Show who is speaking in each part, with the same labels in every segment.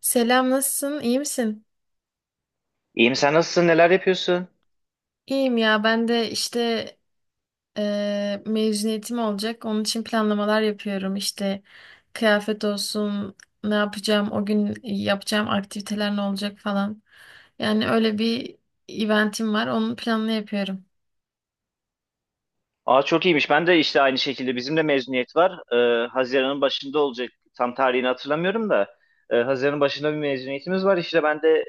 Speaker 1: Selam, nasılsın? İyi misin?
Speaker 2: İyiyim, sen nasılsın, neler yapıyorsun?
Speaker 1: İyiyim ya, ben de işte mezuniyetim olacak. Onun için planlamalar yapıyorum. İşte kıyafet olsun, ne yapacağım, o gün yapacağım aktiviteler ne olacak falan. Yani öyle bir eventim var, onun planını yapıyorum.
Speaker 2: Aa çok iyiymiş. Ben de işte aynı şekilde bizim de mezuniyet var. Haziran'ın başında olacak. Tam tarihini hatırlamıyorum da. Haziran'ın başında bir mezuniyetimiz var. İşte ben de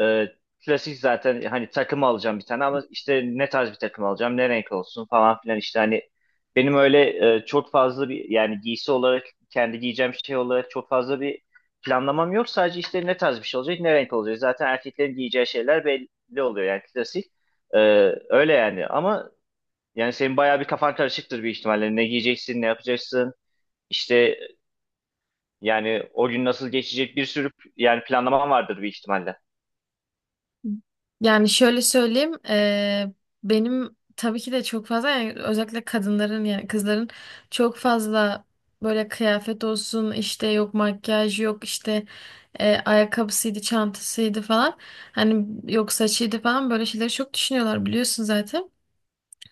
Speaker 2: e, klasik zaten hani takım alacağım bir tane ama işte ne tarz bir takım alacağım, ne renk olsun falan filan işte hani benim öyle çok fazla bir yani giysi olarak kendi giyeceğim şey olarak çok fazla bir planlamam yok. Sadece işte ne tarz bir şey olacak, ne renk olacak. Zaten erkeklerin giyeceği şeyler belli oluyor yani klasik. Ee, Öyle yani ama yani senin bayağı bir kafan karışıktır bir ihtimalle. Ne giyeceksin, ne yapacaksın. İşte yani o gün nasıl geçecek, bir sürü yani planlaman vardır bir ihtimalle.
Speaker 1: Yani şöyle söyleyeyim, benim tabii ki de çok fazla yani özellikle kadınların yani kızların çok fazla böyle kıyafet olsun işte yok makyaj yok işte ayakkabısıydı çantasıydı falan hani yok saçıydı falan böyle şeyleri çok düşünüyorlar biliyorsun zaten.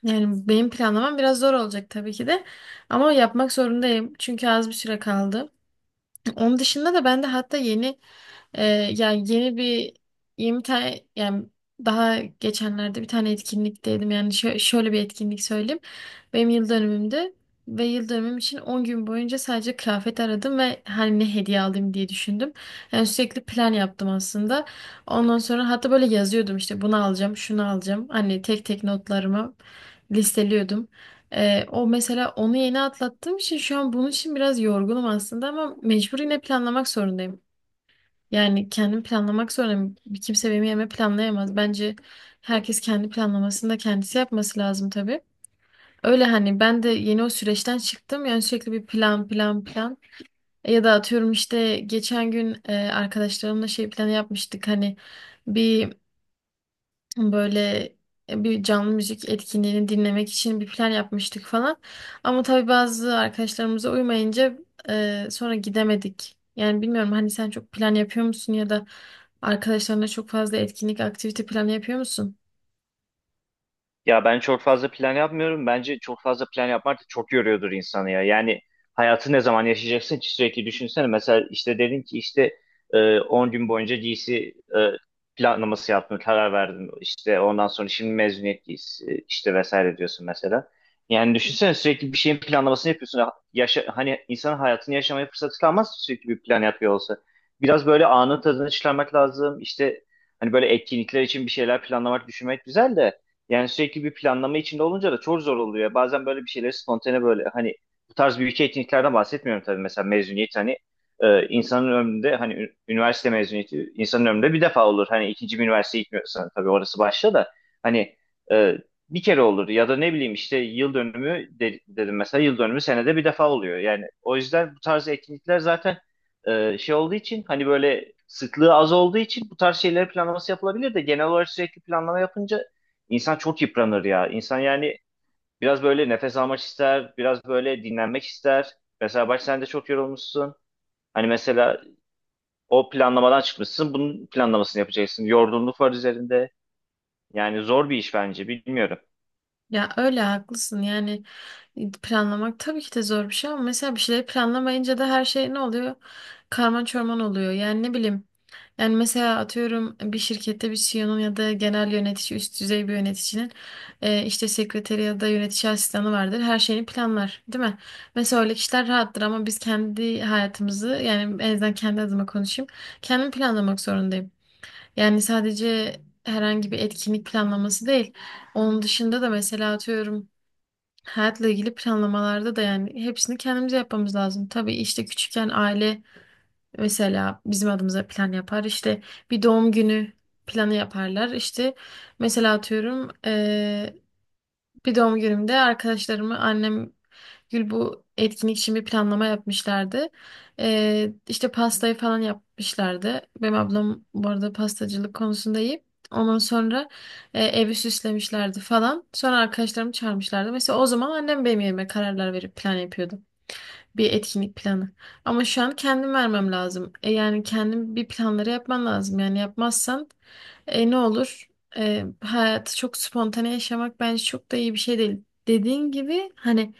Speaker 1: Yani benim planlamam biraz zor olacak tabii ki de ama yapmak zorundayım çünkü az bir süre kaldı. Onun dışında da ben de hatta yeni e, yani yeni bir 20 tane yani daha geçenlerde bir tane etkinlikteydim. Yani şöyle bir etkinlik söyleyeyim. Benim yıl dönümümde ve yıl dönümüm için 10 gün boyunca sadece kıyafet aradım ve hani ne hediye alayım diye düşündüm. Yani sürekli plan yaptım aslında. Ondan sonra hatta böyle yazıyordum işte bunu alacağım, şunu alacağım. Hani tek tek notlarımı listeliyordum. O mesela onu yeni atlattığım için şu an bunun için biraz yorgunum aslında ama mecbur yine planlamak zorundayım. Yani kendim planlamak zorundayım. Bir kimse benim yerime planlayamaz. Bence herkes kendi planlamasını da kendisi yapması lazım tabii. Öyle hani ben de yeni o süreçten çıktım. Yani sürekli bir plan plan plan. Ya da atıyorum işte geçen gün arkadaşlarımla şey planı yapmıştık. Hani bir böyle bir canlı müzik etkinliğini dinlemek için bir plan yapmıştık falan. Ama tabii bazı arkadaşlarımıza uymayınca sonra gidemedik. Yani bilmiyorum hani sen çok plan yapıyor musun ya da arkadaşlarına çok fazla etkinlik, aktivite planı yapıyor musun?
Speaker 2: Ya ben çok fazla plan yapmıyorum. Bence çok fazla plan yapmak da çok yoruyordur insanı ya. Yani hayatı ne zaman yaşayacaksın ki sürekli, düşünsene. Mesela işte dedin ki işte 10 gün boyunca giysi planlaması yaptın, karar verdin. İşte ondan sonra şimdi mezuniyet giysisi işte vesaire diyorsun mesela. Yani düşünsene, sürekli bir şeyin planlamasını yapıyorsun. Yaşa, hani insanın hayatını yaşamaya fırsatı kalmaz sürekli bir plan yapıyor olsa. Biraz böyle anın tadını çıkarmak lazım. İşte hani böyle etkinlikler için bir şeyler planlamak, düşünmek güzel de yani sürekli bir planlama içinde olunca da çok zor oluyor. Bazen böyle bir şeyleri spontane, böyle hani bu tarz büyük etkinliklerden bahsetmiyorum tabii. Mesela mezuniyet hani insanın ömründe hani üniversite mezuniyeti insanın ömründe bir defa olur. Hani ikinci bir üniversiteye gitmiyorsan tabii, orası başta da hani e, bir kere olur ya da ne bileyim işte yıl dönümü dedim, mesela yıl dönümü senede bir defa oluyor. Yani o yüzden bu tarz etkinlikler zaten şey olduğu için, hani böyle sıklığı az olduğu için, bu tarz şeyleri planlaması yapılabilir de genel olarak sürekli planlama yapınca İnsan çok yıpranır ya. İnsan yani biraz böyle nefes almak ister, biraz böyle dinlenmek ister. Mesela bak, sen de çok yorulmuşsun. Hani mesela o planlamadan çıkmışsın, bunun planlamasını yapacaksın. Yorgunluk var üzerinde. Yani zor bir iş bence, bilmiyorum.
Speaker 1: Ya öyle haklısın yani planlamak tabii ki de zor bir şey ama mesela bir şeyleri planlamayınca da her şey ne oluyor? Karman çorman oluyor. Yani ne bileyim, yani mesela atıyorum bir şirkette bir CEO'nun ya da genel yönetici, üst düzey bir yöneticinin işte sekreteri ya da yönetici asistanı vardır. Her şeyini planlar, değil mi? Mesela öyle kişiler rahattır ama biz kendi hayatımızı yani en azından kendi adıma konuşayım. Kendim planlamak zorundayım. Yani sadece herhangi bir etkinlik planlaması değil. Onun dışında da mesela atıyorum hayatla ilgili planlamalarda da yani hepsini kendimize yapmamız lazım. Tabii işte küçükken aile mesela bizim adımıza plan yapar. İşte bir doğum günü planı yaparlar. İşte mesela atıyorum bir doğum günümde arkadaşlarımı annem Gül bu etkinlik için bir planlama yapmışlardı. İşte pastayı falan yapmışlardı. Benim ablam bu arada pastacılık konusunda iyi. Ondan sonra evi süslemişlerdi falan. Sonra arkadaşlarımı çağırmışlardı. Mesela o zaman annem benim yerime kararlar verip plan yapıyordu. Bir etkinlik planı. Ama şu an kendim vermem lazım. E yani kendim bir planları yapman lazım. Yani yapmazsan ne olur? Hayatı çok spontane yaşamak bence çok da iyi bir şey değil. Dediğin gibi hani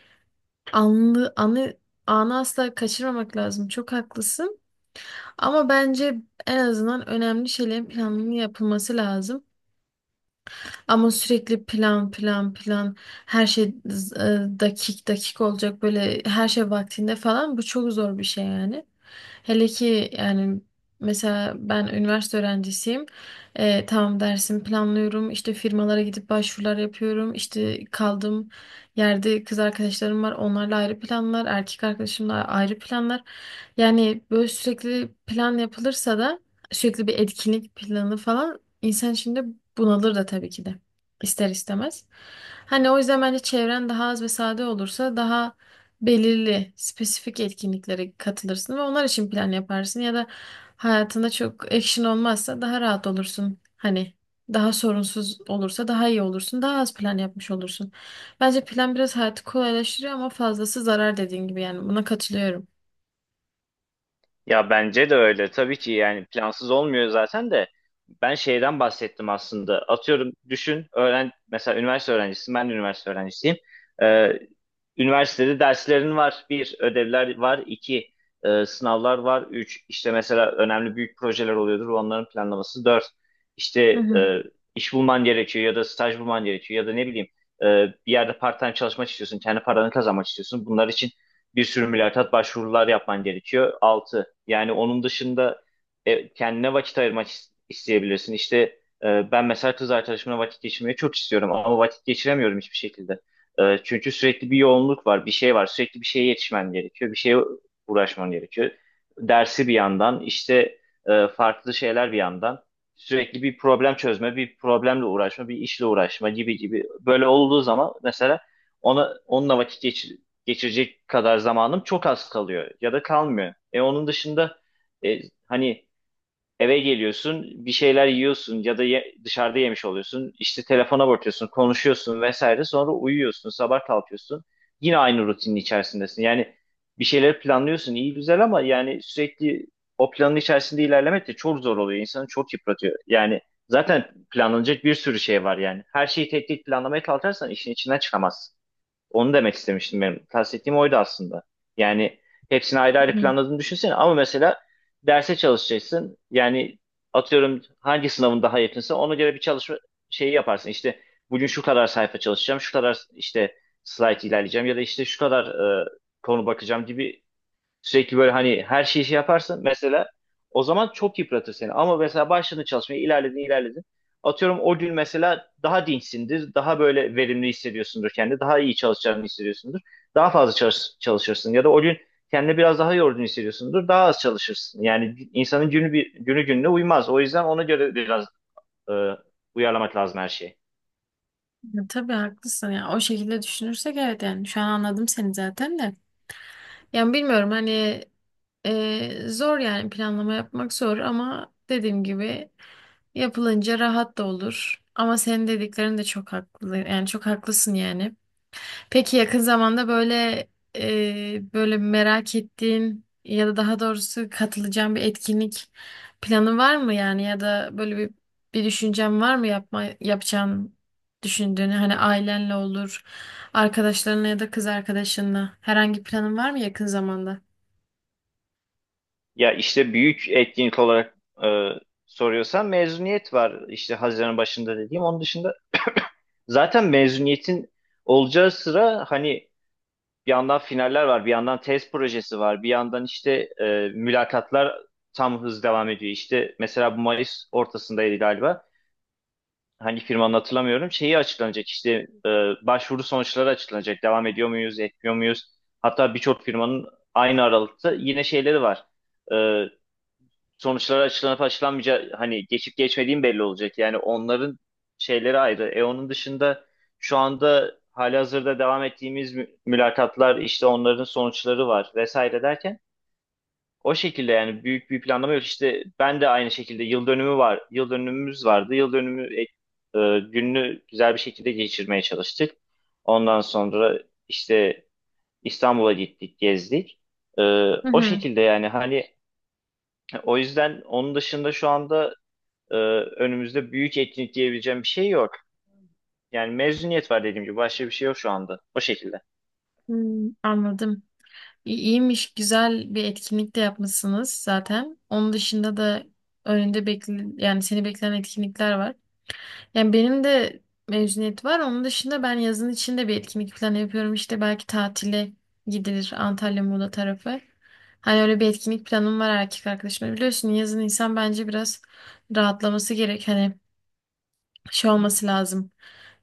Speaker 1: anlı, anı, anı asla kaçırmamak lazım. Çok haklısın. Ama bence en azından önemli şeylerin planının yapılması lazım. Ama sürekli plan plan plan her şey dakik dakik olacak böyle her şey vaktinde falan bu çok zor bir şey yani. Hele ki yani mesela ben üniversite öğrencisiyim. E, tamam dersimi planlıyorum işte firmalara gidip başvurular yapıyorum işte kaldığım yerde kız arkadaşlarım var onlarla ayrı planlar erkek arkadaşımla ayrı planlar. Yani böyle sürekli plan yapılırsa da sürekli bir etkinlik planı falan insan içinde bunalır da tabii ki de ister istemez. Hani o yüzden bence çevren daha az ve sade olursa daha belirli, spesifik etkinliklere katılırsın ve onlar için plan yaparsın ya da hayatında çok action olmazsa daha rahat olursun. Hani daha sorunsuz olursa daha iyi olursun, daha az plan yapmış olursun. Bence plan biraz hayatı kolaylaştırıyor ama fazlası zarar dediğin gibi yani buna katılıyorum.
Speaker 2: Ya bence de öyle. Tabii ki yani plansız olmuyor zaten de. Ben şeyden bahsettim aslında. Atıyorum düşün, öğren, mesela üniversite öğrencisin, ben de üniversite öğrencisiyim. Ee, Üniversitede derslerin var. Bir, ödevler var. İki, sınavlar var. Üç, işte mesela önemli büyük projeler oluyordur. Onların planlaması. Dört, işte
Speaker 1: Hı hı.
Speaker 2: e, iş bulman gerekiyor ya da staj bulman gerekiyor ya da ne bileyim e, bir yerde part-time çalışmak istiyorsun. Kendi paranı kazanmak istiyorsun. Bunlar için bir sürü mülakat, başvurular yapman gerekiyor. Altı, yani onun dışında kendine vakit ayırmak isteyebilirsin. İşte ben mesela kız arkadaşımla vakit geçirmeyi çok istiyorum ama vakit geçiremiyorum hiçbir şekilde. Çünkü sürekli bir yoğunluk var, bir şey var. Sürekli bir şeye yetişmen gerekiyor, bir şeye uğraşman gerekiyor. Dersi bir yandan, işte farklı şeyler bir yandan. Sürekli bir problem çözme, bir problemle uğraşma, bir işle uğraşma gibi gibi. Böyle olduğu zaman mesela onunla vakit geçirecek kadar zamanım çok az kalıyor ya da kalmıyor. Onun dışında e, hani eve geliyorsun, bir şeyler yiyorsun ya da dışarıda yemiş oluyorsun. İşte telefona bakıyorsun, konuşuyorsun vesaire. Sonra uyuyorsun, sabah kalkıyorsun. Yine aynı rutinin içerisindesin. Yani bir şeyler planlıyorsun, iyi güzel, ama yani sürekli o planın içerisinde ilerlemek de çok zor oluyor. İnsanı çok yıpratıyor. Yani zaten planlanacak bir sürü şey var yani. Her şeyi tek tek planlamaya kalkarsan işin içinden çıkamazsın. Onu demek istemiştim benim. Kastettiğim oydu aslında. Yani hepsini ayrı ayrı
Speaker 1: Hı.
Speaker 2: planladığını düşünsene ama mesela derse çalışacaksın. Yani atıyorum hangi sınavın daha yakınsa ona göre bir çalışma şeyi yaparsın. İşte bugün şu kadar sayfa çalışacağım, şu kadar işte slide ilerleyeceğim ya da işte şu kadar e, konu bakacağım gibi. Sürekli böyle hani her şeyi şey yaparsın, mesela o zaman çok yıpratır seni. Ama mesela başladın çalışmaya, ilerledin ilerledin. Atıyorum o gün mesela daha dinçsindir, daha böyle verimli hissediyorsundur kendini, daha iyi çalışacağını hissediyorsundur. Daha fazla çalışırsın ya da o gün kendini biraz daha yorgun hissediyorsundur, daha az çalışırsın. Yani insanın günü gününe uymaz. O yüzden ona göre biraz e, uyarlamak lazım her şeyi.
Speaker 1: Ya tabii haklısın ya. O şekilde düşünürsek evet yani şu an anladım seni zaten de. Yani bilmiyorum hani zor yani planlama yapmak zor ama dediğim gibi yapılınca rahat da olur. Ama senin dediklerin de çok haklı. Yani çok haklısın yani. Peki yakın zamanda böyle böyle merak ettiğin ya da daha doğrusu katılacağın bir etkinlik planı var mı yani ya da böyle bir düşüncen var mı yapacağın düşündüğünü hani ailenle olur, arkadaşlarınla ya da kız arkadaşınla herhangi bir planın var mı yakın zamanda?
Speaker 2: Ya işte büyük etkinlik olarak e, soruyorsan, mezuniyet var işte Haziran başında dediğim. Onun dışında zaten mezuniyetin olacağı sıra hani bir yandan finaller var, bir yandan tez projesi var, bir yandan işte mülakatlar tam hız devam ediyor. İşte mesela bu Mayıs ortasındaydı galiba. Hani firmanın hatırlamıyorum. Şeyi açıklanacak, işte e, başvuru sonuçları açıklanacak. Devam ediyor muyuz, etmiyor muyuz? Hatta birçok firmanın aynı aralıkta yine şeyleri var. E, Sonuçları açıklanıp açıklanmayacağı, hani geçip geçmediğim belli olacak. Yani onların şeyleri ayrı. Onun dışında şu anda halihazırda devam ettiğimiz mülakatlar, işte onların sonuçları var vesaire derken, o şekilde yani büyük bir planlama yok. İşte ben de aynı şekilde yıl dönümü var. Yıl dönümümüz vardı. Yıl dönümü gününü güzel bir şekilde geçirmeye çalıştık. Ondan sonra işte İstanbul'a gittik, gezdik. E,
Speaker 1: Hı
Speaker 2: O
Speaker 1: hı.
Speaker 2: şekilde yani, hani o yüzden onun dışında şu anda e, önümüzde büyük etkinlik diyebileceğim bir şey yok. Yani mezuniyet var dediğim gibi, başka bir şey yok şu anda. O şekilde.
Speaker 1: Hmm, anladım. İyiymiş, güzel bir etkinlik de yapmışsınız zaten. Onun dışında da önünde bekle yani seni bekleyen etkinlikler var. Yani benim de mezuniyet var. Onun dışında ben yazın içinde bir etkinlik planı yapıyorum. İşte belki tatile gidilir Antalya Muğla tarafı. Hani öyle bir etkinlik planım var erkek arkadaşımla. Biliyorsun yazın insan bence biraz rahatlaması gerek. Hani şey olması lazım.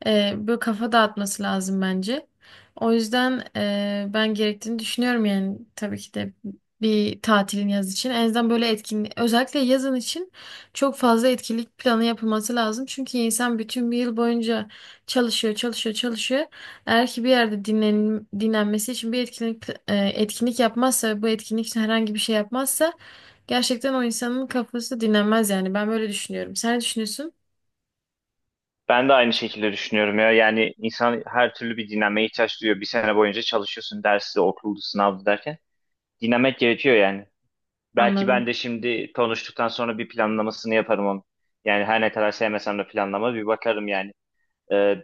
Speaker 1: Böyle kafa dağıtması lazım bence. O yüzden ben gerektiğini düşünüyorum yani tabii ki de bir tatilin yaz için. En azından böyle etkinlik özellikle yazın için çok fazla etkinlik planı yapılması lazım. Çünkü insan bütün bir yıl boyunca çalışıyor, çalışıyor, çalışıyor. Eğer ki bir yerde dinlenmesi için bir etkinlik etkinlik yapmazsa ve bu etkinlik için herhangi bir şey yapmazsa gerçekten o insanın kafası dinlenmez yani. Ben böyle düşünüyorum. Sen ne düşünüyorsun?
Speaker 2: Ben de aynı şekilde düşünüyorum ya. Yani insan her türlü bir dinlenmeye ihtiyaç duyuyor. Bir sene boyunca çalışıyorsun, dersi, okuldu, sınavdı derken. Dinlenmek gerekiyor yani. Belki ben
Speaker 1: Anladım.
Speaker 2: de şimdi konuştuktan sonra bir planlamasını yaparım onu. Yani her ne kadar sevmesem de planlama, bir bakarım yani. E,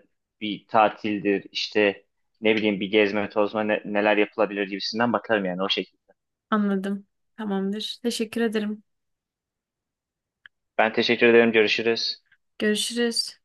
Speaker 2: Bir tatildir işte, ne bileyim, bir gezme tozma, neler yapılabilir gibisinden bakarım yani, o şekilde.
Speaker 1: Anladım. Tamamdır. Teşekkür ederim.
Speaker 2: Ben teşekkür ederim. Görüşürüz.
Speaker 1: Görüşürüz.